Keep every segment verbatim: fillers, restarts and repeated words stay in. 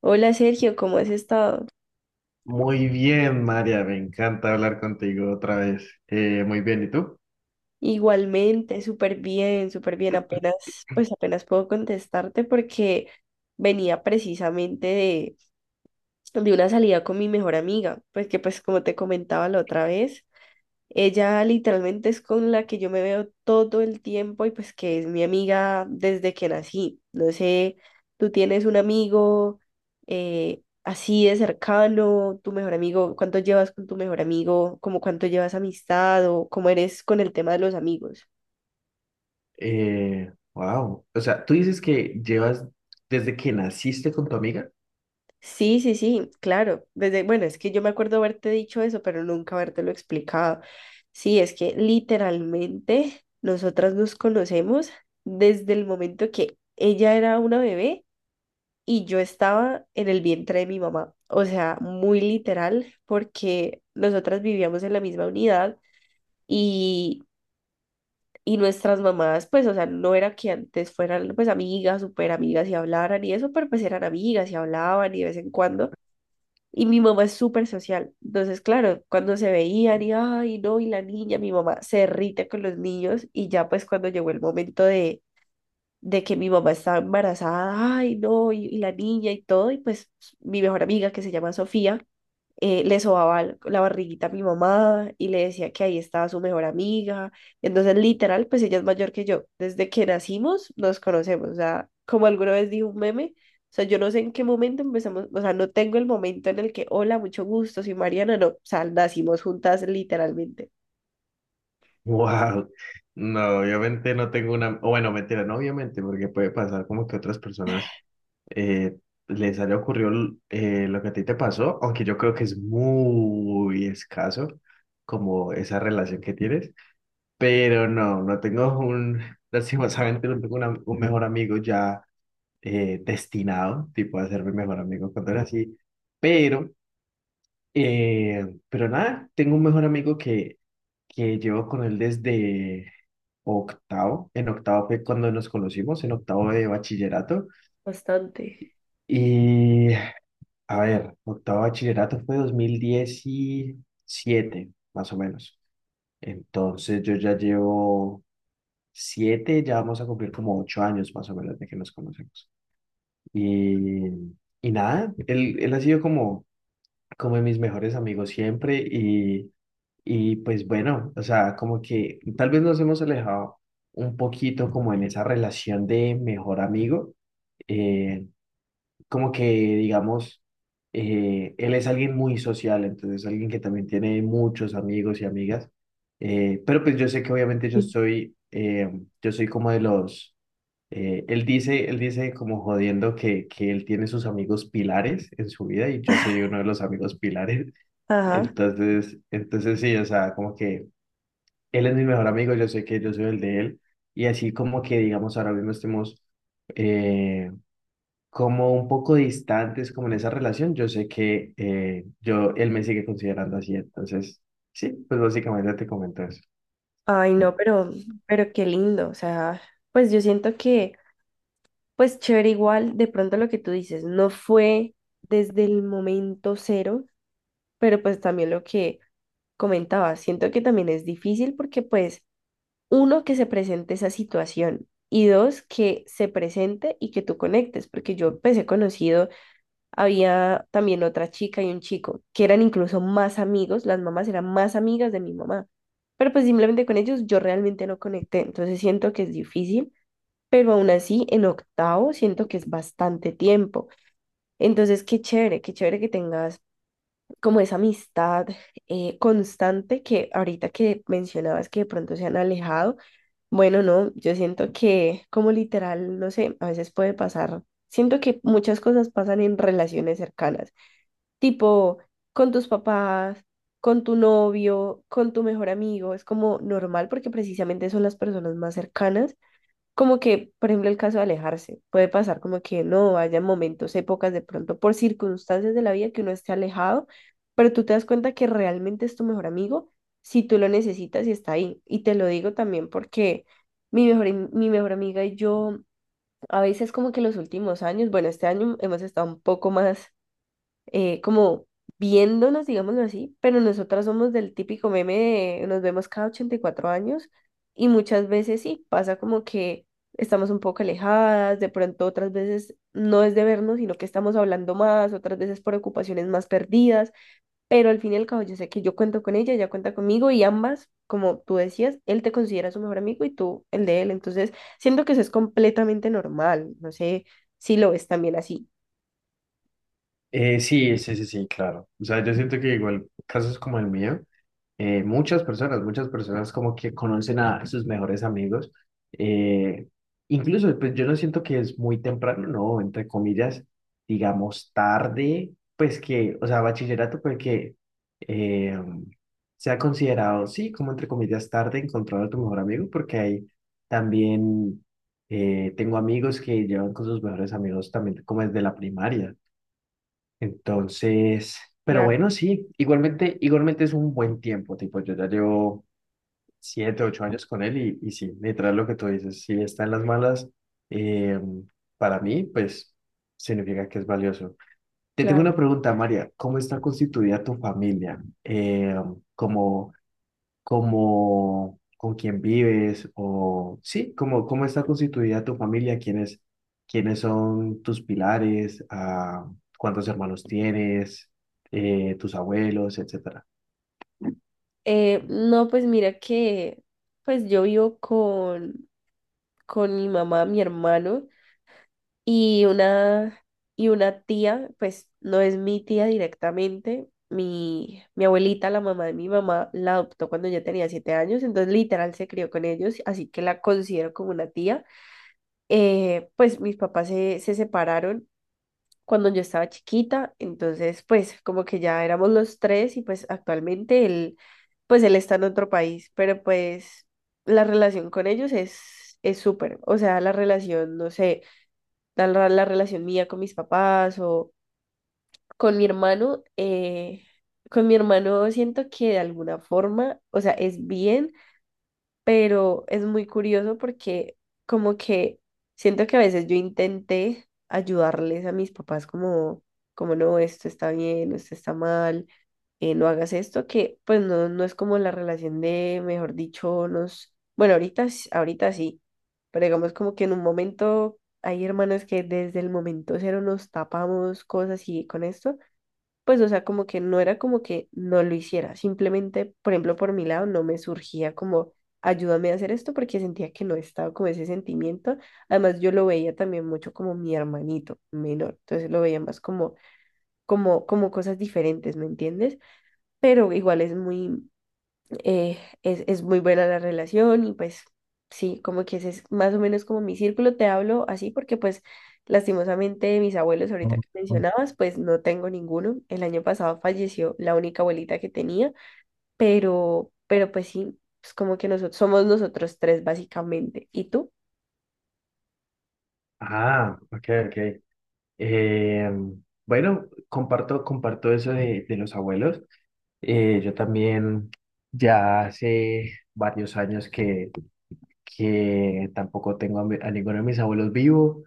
Hola Sergio, ¿cómo has estado? Muy bien, María, me encanta hablar contigo otra vez. Eh, muy bien, ¿y tú? Igualmente, súper bien, súper bien. Apenas, pues apenas puedo contestarte porque venía precisamente de, de una salida con mi mejor amiga, pues que pues como te comentaba la otra vez, ella literalmente es con la que yo me veo todo el tiempo y pues que es mi amiga desde que nací. No sé, tú tienes un amigo eh, así de cercano, tu mejor amigo, ¿cuánto llevas con tu mejor amigo? ¿Cómo cuánto llevas amistad o cómo eres con el tema de los amigos? Eh, wow. O sea, tú dices que llevas desde que naciste con tu amiga. Sí, sí, sí, claro. Desde, bueno, es que yo me acuerdo haberte dicho eso, pero nunca habértelo explicado. Sí, es que literalmente nosotras nos conocemos desde el momento que ella era una bebé y yo estaba en el vientre de mi mamá. O sea, muy literal, porque nosotras vivíamos en la misma unidad y, y nuestras mamás, pues, o sea, no era que antes fueran pues amigas, súper amigas y hablaran y eso, pero pues eran amigas y hablaban y de vez en cuando, y mi mamá es súper social. Entonces, claro, cuando se veían y, ay, no, y la niña, mi mamá se irrita con los niños, y ya pues cuando llegó el momento de, de que mi mamá estaba embarazada, ay, no, y, y la niña y todo, y pues mi mejor amiga, que se llama Sofía, eh, le sobaba l- la barriguita a mi mamá y le decía que ahí estaba su mejor amiga. Entonces, literal, pues ella es mayor que yo. Desde que nacimos nos conocemos. O sea, como alguna vez dijo un meme, o sea, yo no sé en qué momento empezamos, o sea, no tengo el momento en el que, hola, mucho gusto, soy Mariana, no, o sea, nacimos juntas literalmente. Wow. No, obviamente no tengo una. o bueno, mentira, no, obviamente, porque puede pasar como que otras personas eh, les haya ocurrido eh, lo que a ti te pasó, aunque yo creo que es muy escaso como esa relación que tienes. Pero no, no tengo un. Lastimosamente, no tengo una- un mejor amigo ya eh, destinado, tipo, a ser mi mejor amigo cuando era así. Pero, eh, pero nada, tengo un mejor amigo que, que llevo con él desde octavo. En octavo fue cuando nos conocimos, en octavo de bachillerato. Bastante. Y, a ver, octavo de bachillerato fue dos mil diecisiete más o menos. Entonces yo ya llevo siete, ya vamos a cumplir como ocho años más o menos de que nos conocemos. Y, y nada, él, él ha sido como, como de mis mejores amigos siempre y, y pues bueno, o sea, como que tal vez nos hemos alejado un poquito como en esa relación de mejor amigo, eh, como que digamos, eh, él es alguien muy social, entonces alguien que también tiene muchos amigos y amigas, eh, pero pues yo sé que obviamente yo Sí. soy, eh, yo soy como de los, eh, él dice, él dice como jodiendo que, que él tiene sus amigos pilares en su vida y yo soy uno de los amigos pilares. Ajá. Entonces, entonces sí, o sea, como que él es mi mejor amigo, yo sé que yo soy el de él. Y así como que, digamos, ahora mismo estemos eh, como un poco distantes como en esa relación, yo sé que eh, yo, él me sigue considerando así. Entonces, sí, pues básicamente te comento eso. Ay, no, pero, pero qué lindo. O sea, pues yo siento que pues chévere igual, de pronto lo que tú dices, no fue desde el momento cero, pero pues también lo que comentaba, siento que también es difícil porque pues uno que se presente esa situación y dos que se presente y que tú conectes, porque yo empecé conocido, había también otra chica y un chico que eran incluso más amigos, las mamás eran más amigas de mi mamá, pero pues simplemente con ellos yo realmente no conecté, entonces siento que es difícil, pero aún así en octavo siento que es bastante tiempo. Entonces, qué chévere, qué chévere que tengas como esa amistad eh, constante. Que ahorita que mencionabas que de pronto se han alejado, bueno, no, yo siento que como literal, no sé, a veces puede pasar, siento que muchas cosas pasan en relaciones cercanas, tipo con tus papás, con tu novio, con tu mejor amigo, es como normal porque precisamente son las personas más cercanas. Como que, por ejemplo, el caso de alejarse, puede pasar como que no haya momentos, épocas de pronto, por circunstancias de la vida, que uno esté alejado, pero tú te das cuenta que realmente es tu mejor amigo si tú lo necesitas y está ahí. Y te lo digo también porque mi mejor, am- mi mejor amiga y yo, a veces como que los últimos años, bueno, este año hemos estado un poco más eh, como viéndonos, digámoslo así, pero nosotras somos del típico meme de nos vemos cada ochenta y cuatro años, y muchas veces sí, pasa como que estamos un poco alejadas, de pronto otras veces no es de vernos, sino que estamos hablando más, otras veces por ocupaciones más perdidas, pero al fin y al cabo yo sé que yo cuento con ella, ella cuenta conmigo y ambas, como tú decías, él te considera su mejor amigo y tú el de él, entonces siento que eso es completamente normal, no sé si lo ves también así. Eh, sí, sí, sí, sí, claro. O sea, yo siento que igual casos como el mío, eh, muchas personas, muchas personas como que conocen a sus mejores amigos. eh, incluso, pues yo no siento que es muy temprano, no, entre comillas, digamos tarde, pues que, o sea, bachillerato, pues que eh, sea considerado, sí, como entre comillas tarde encontrar a tu mejor amigo, porque hay también, eh, tengo amigos que llevan con sus mejores amigos también como desde la primaria. Entonces, pero Claro. bueno, sí, igualmente, igualmente es un buen tiempo, tipo, yo ya llevo siete, ocho años con él y, y sí, literal lo que tú dices, si está en las malas, eh, para mí, pues significa que es valioso. Te tengo Claro. una pregunta, María, ¿cómo está constituida tu familia? Eh, como como con quién vives o sí, como cómo está constituida tu familia, quiénes, quiénes son tus pilares, ah, cuántos hermanos tienes, eh, tus abuelos, etcétera. Eh, no, pues mira que pues yo vivo con, con mi mamá, mi hermano y una, y una tía, pues no es mi tía directamente. Mi, mi abuelita, la mamá de mi mamá, la adoptó cuando yo tenía siete años, entonces literal se crió con ellos, así que la considero como una tía. Eh, pues mis papás se, se separaron cuando yo estaba chiquita, entonces pues como que ya éramos los tres, y pues actualmente él, pues él está en otro país, pero pues la relación con ellos es es súper, o sea, la relación, no sé, la, la- la relación mía con mis papás o con mi hermano, eh, con mi hermano siento que de alguna forma, o sea, es bien, pero es muy curioso porque como que siento que a veces yo intenté ayudarles a mis papás como, como no, esto está bien, esto está mal, eh, no hagas esto. Que pues no, no es como la relación de, mejor dicho, nos, bueno, ahorita, s- ahorita sí, pero digamos como que en un momento hay hermanos que desde el momento cero nos tapamos cosas, y con esto pues, o sea, como que no era como que no lo hiciera, simplemente, por ejemplo, por mi lado no me surgía como ayúdame a hacer esto, porque sentía que no estaba como ese sentimiento. Además, yo lo veía también mucho como mi hermanito menor, entonces lo veía más como, como, como cosas diferentes, ¿me entiendes? Pero igual es muy, eh, es, es, muy buena la relación. Y pues sí, como que ese es más o menos como mi círculo, te hablo así porque pues lastimosamente mis abuelos, ahorita Oh, que oh. mencionabas, pues no tengo ninguno. El año pasado falleció la única abuelita que tenía, pero, pero, pues sí, pues como que nosotros somos nosotros tres básicamente. ¿Y tú? Ah, ok, ok. Eh, bueno, comparto, comparto eso de, de los abuelos. Eh, yo también ya hace varios años que, que tampoco tengo a, mi- a ninguno de mis abuelos vivo.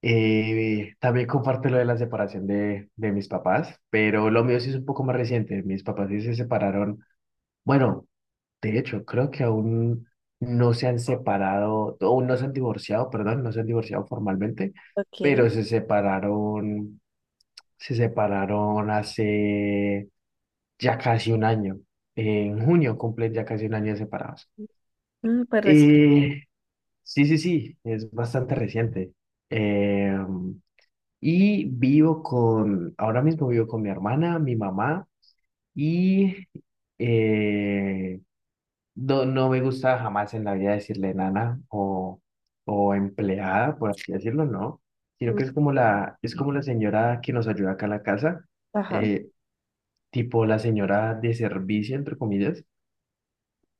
Eh, también comparto lo de la separación de, de mis papás, pero lo mío sí es un poco más reciente. Mis papás sí se separaron. Bueno, de hecho, creo que aún no se han separado, aún no se han divorciado, perdón, no se han divorciado formalmente, Ok. pero se separaron, se separaron hace ya casi un año. En junio cumplen ya casi un año de separados. Mm, pues recién. Eh, sí, sí, sí, es bastante reciente. Eh, Y vivo con, ahora mismo vivo con mi hermana, mi mamá y eh, no, no me gusta jamás en la vida decirle nana o, o empleada, por así decirlo, no, sino que Mm. es como la, es como la señora que nos ayuda acá en la casa, Ajá. eh, tipo la señora de servicio, entre comillas.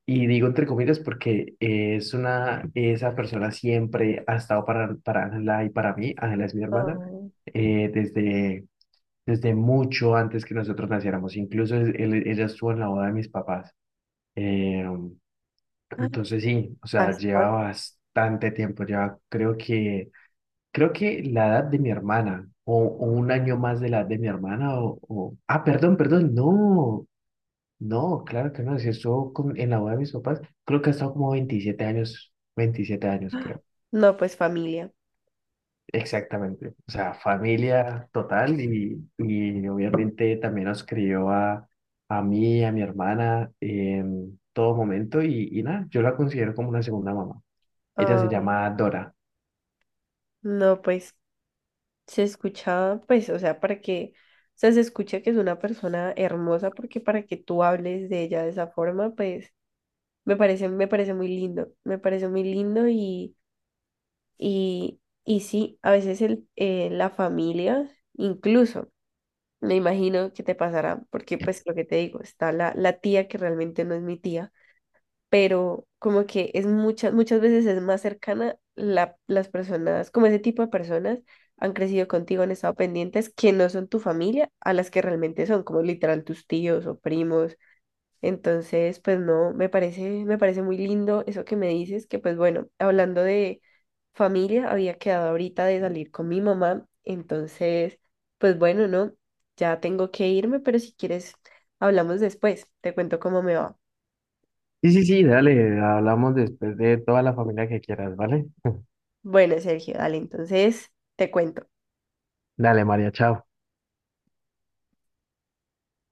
Y digo entre comillas porque es una, esa persona siempre ha estado para, para Ángela y para mí, Ángela es mi hermana, Oh. eh, desde desde mucho antes que nosotros naciéramos. Incluso es- él- ella estuvo en la boda de mis papás. Eh, Ah, entonces sí, o sea, lleva bastante. bastante tiempo. Lleva, creo que, creo que la edad de mi hermana o, o un año más de la edad de mi hermana o, o- ah, perdón, perdón, no, no, claro que no. Si estuvo con- en la boda de mis papás, creo que ha estado como veintisiete años, veintisiete años, creo. No, pues familia. Exactamente, o sea, familia total y, y obviamente también nos crió a, a mí, a mi hermana en todo momento y, y nada, yo la considero como una segunda mamá. Ella se Ay, llama Dora. no, pues se escucha, pues, o sea, para que, o sea, se escucha que es una persona hermosa, porque para que tú hables de ella de esa forma, pues me parece, me parece muy lindo, me parece muy lindo. Y, y, y sí, a veces el, eh, la familia, incluso, me imagino que te pasará, porque pues lo que te digo, está la, la tía, que realmente no es mi tía, pero como que es muchas, muchas veces es más cercana la, las personas, como ese tipo de personas han crecido contigo, han estado pendientes, que no son tu familia, a las que realmente son, como literal tus tíos o primos. Entonces, pues no, me parece, me parece muy lindo eso que me dices. Que pues bueno, hablando de familia, había quedado ahorita de salir con mi mamá, entonces pues bueno, no, ya tengo que irme, pero si quieres, hablamos después, te cuento cómo me va. Sí, sí, sí, dale, hablamos después de toda la familia que quieras, ¿vale? Bueno, Sergio, dale, entonces te cuento. Dale, María, chao.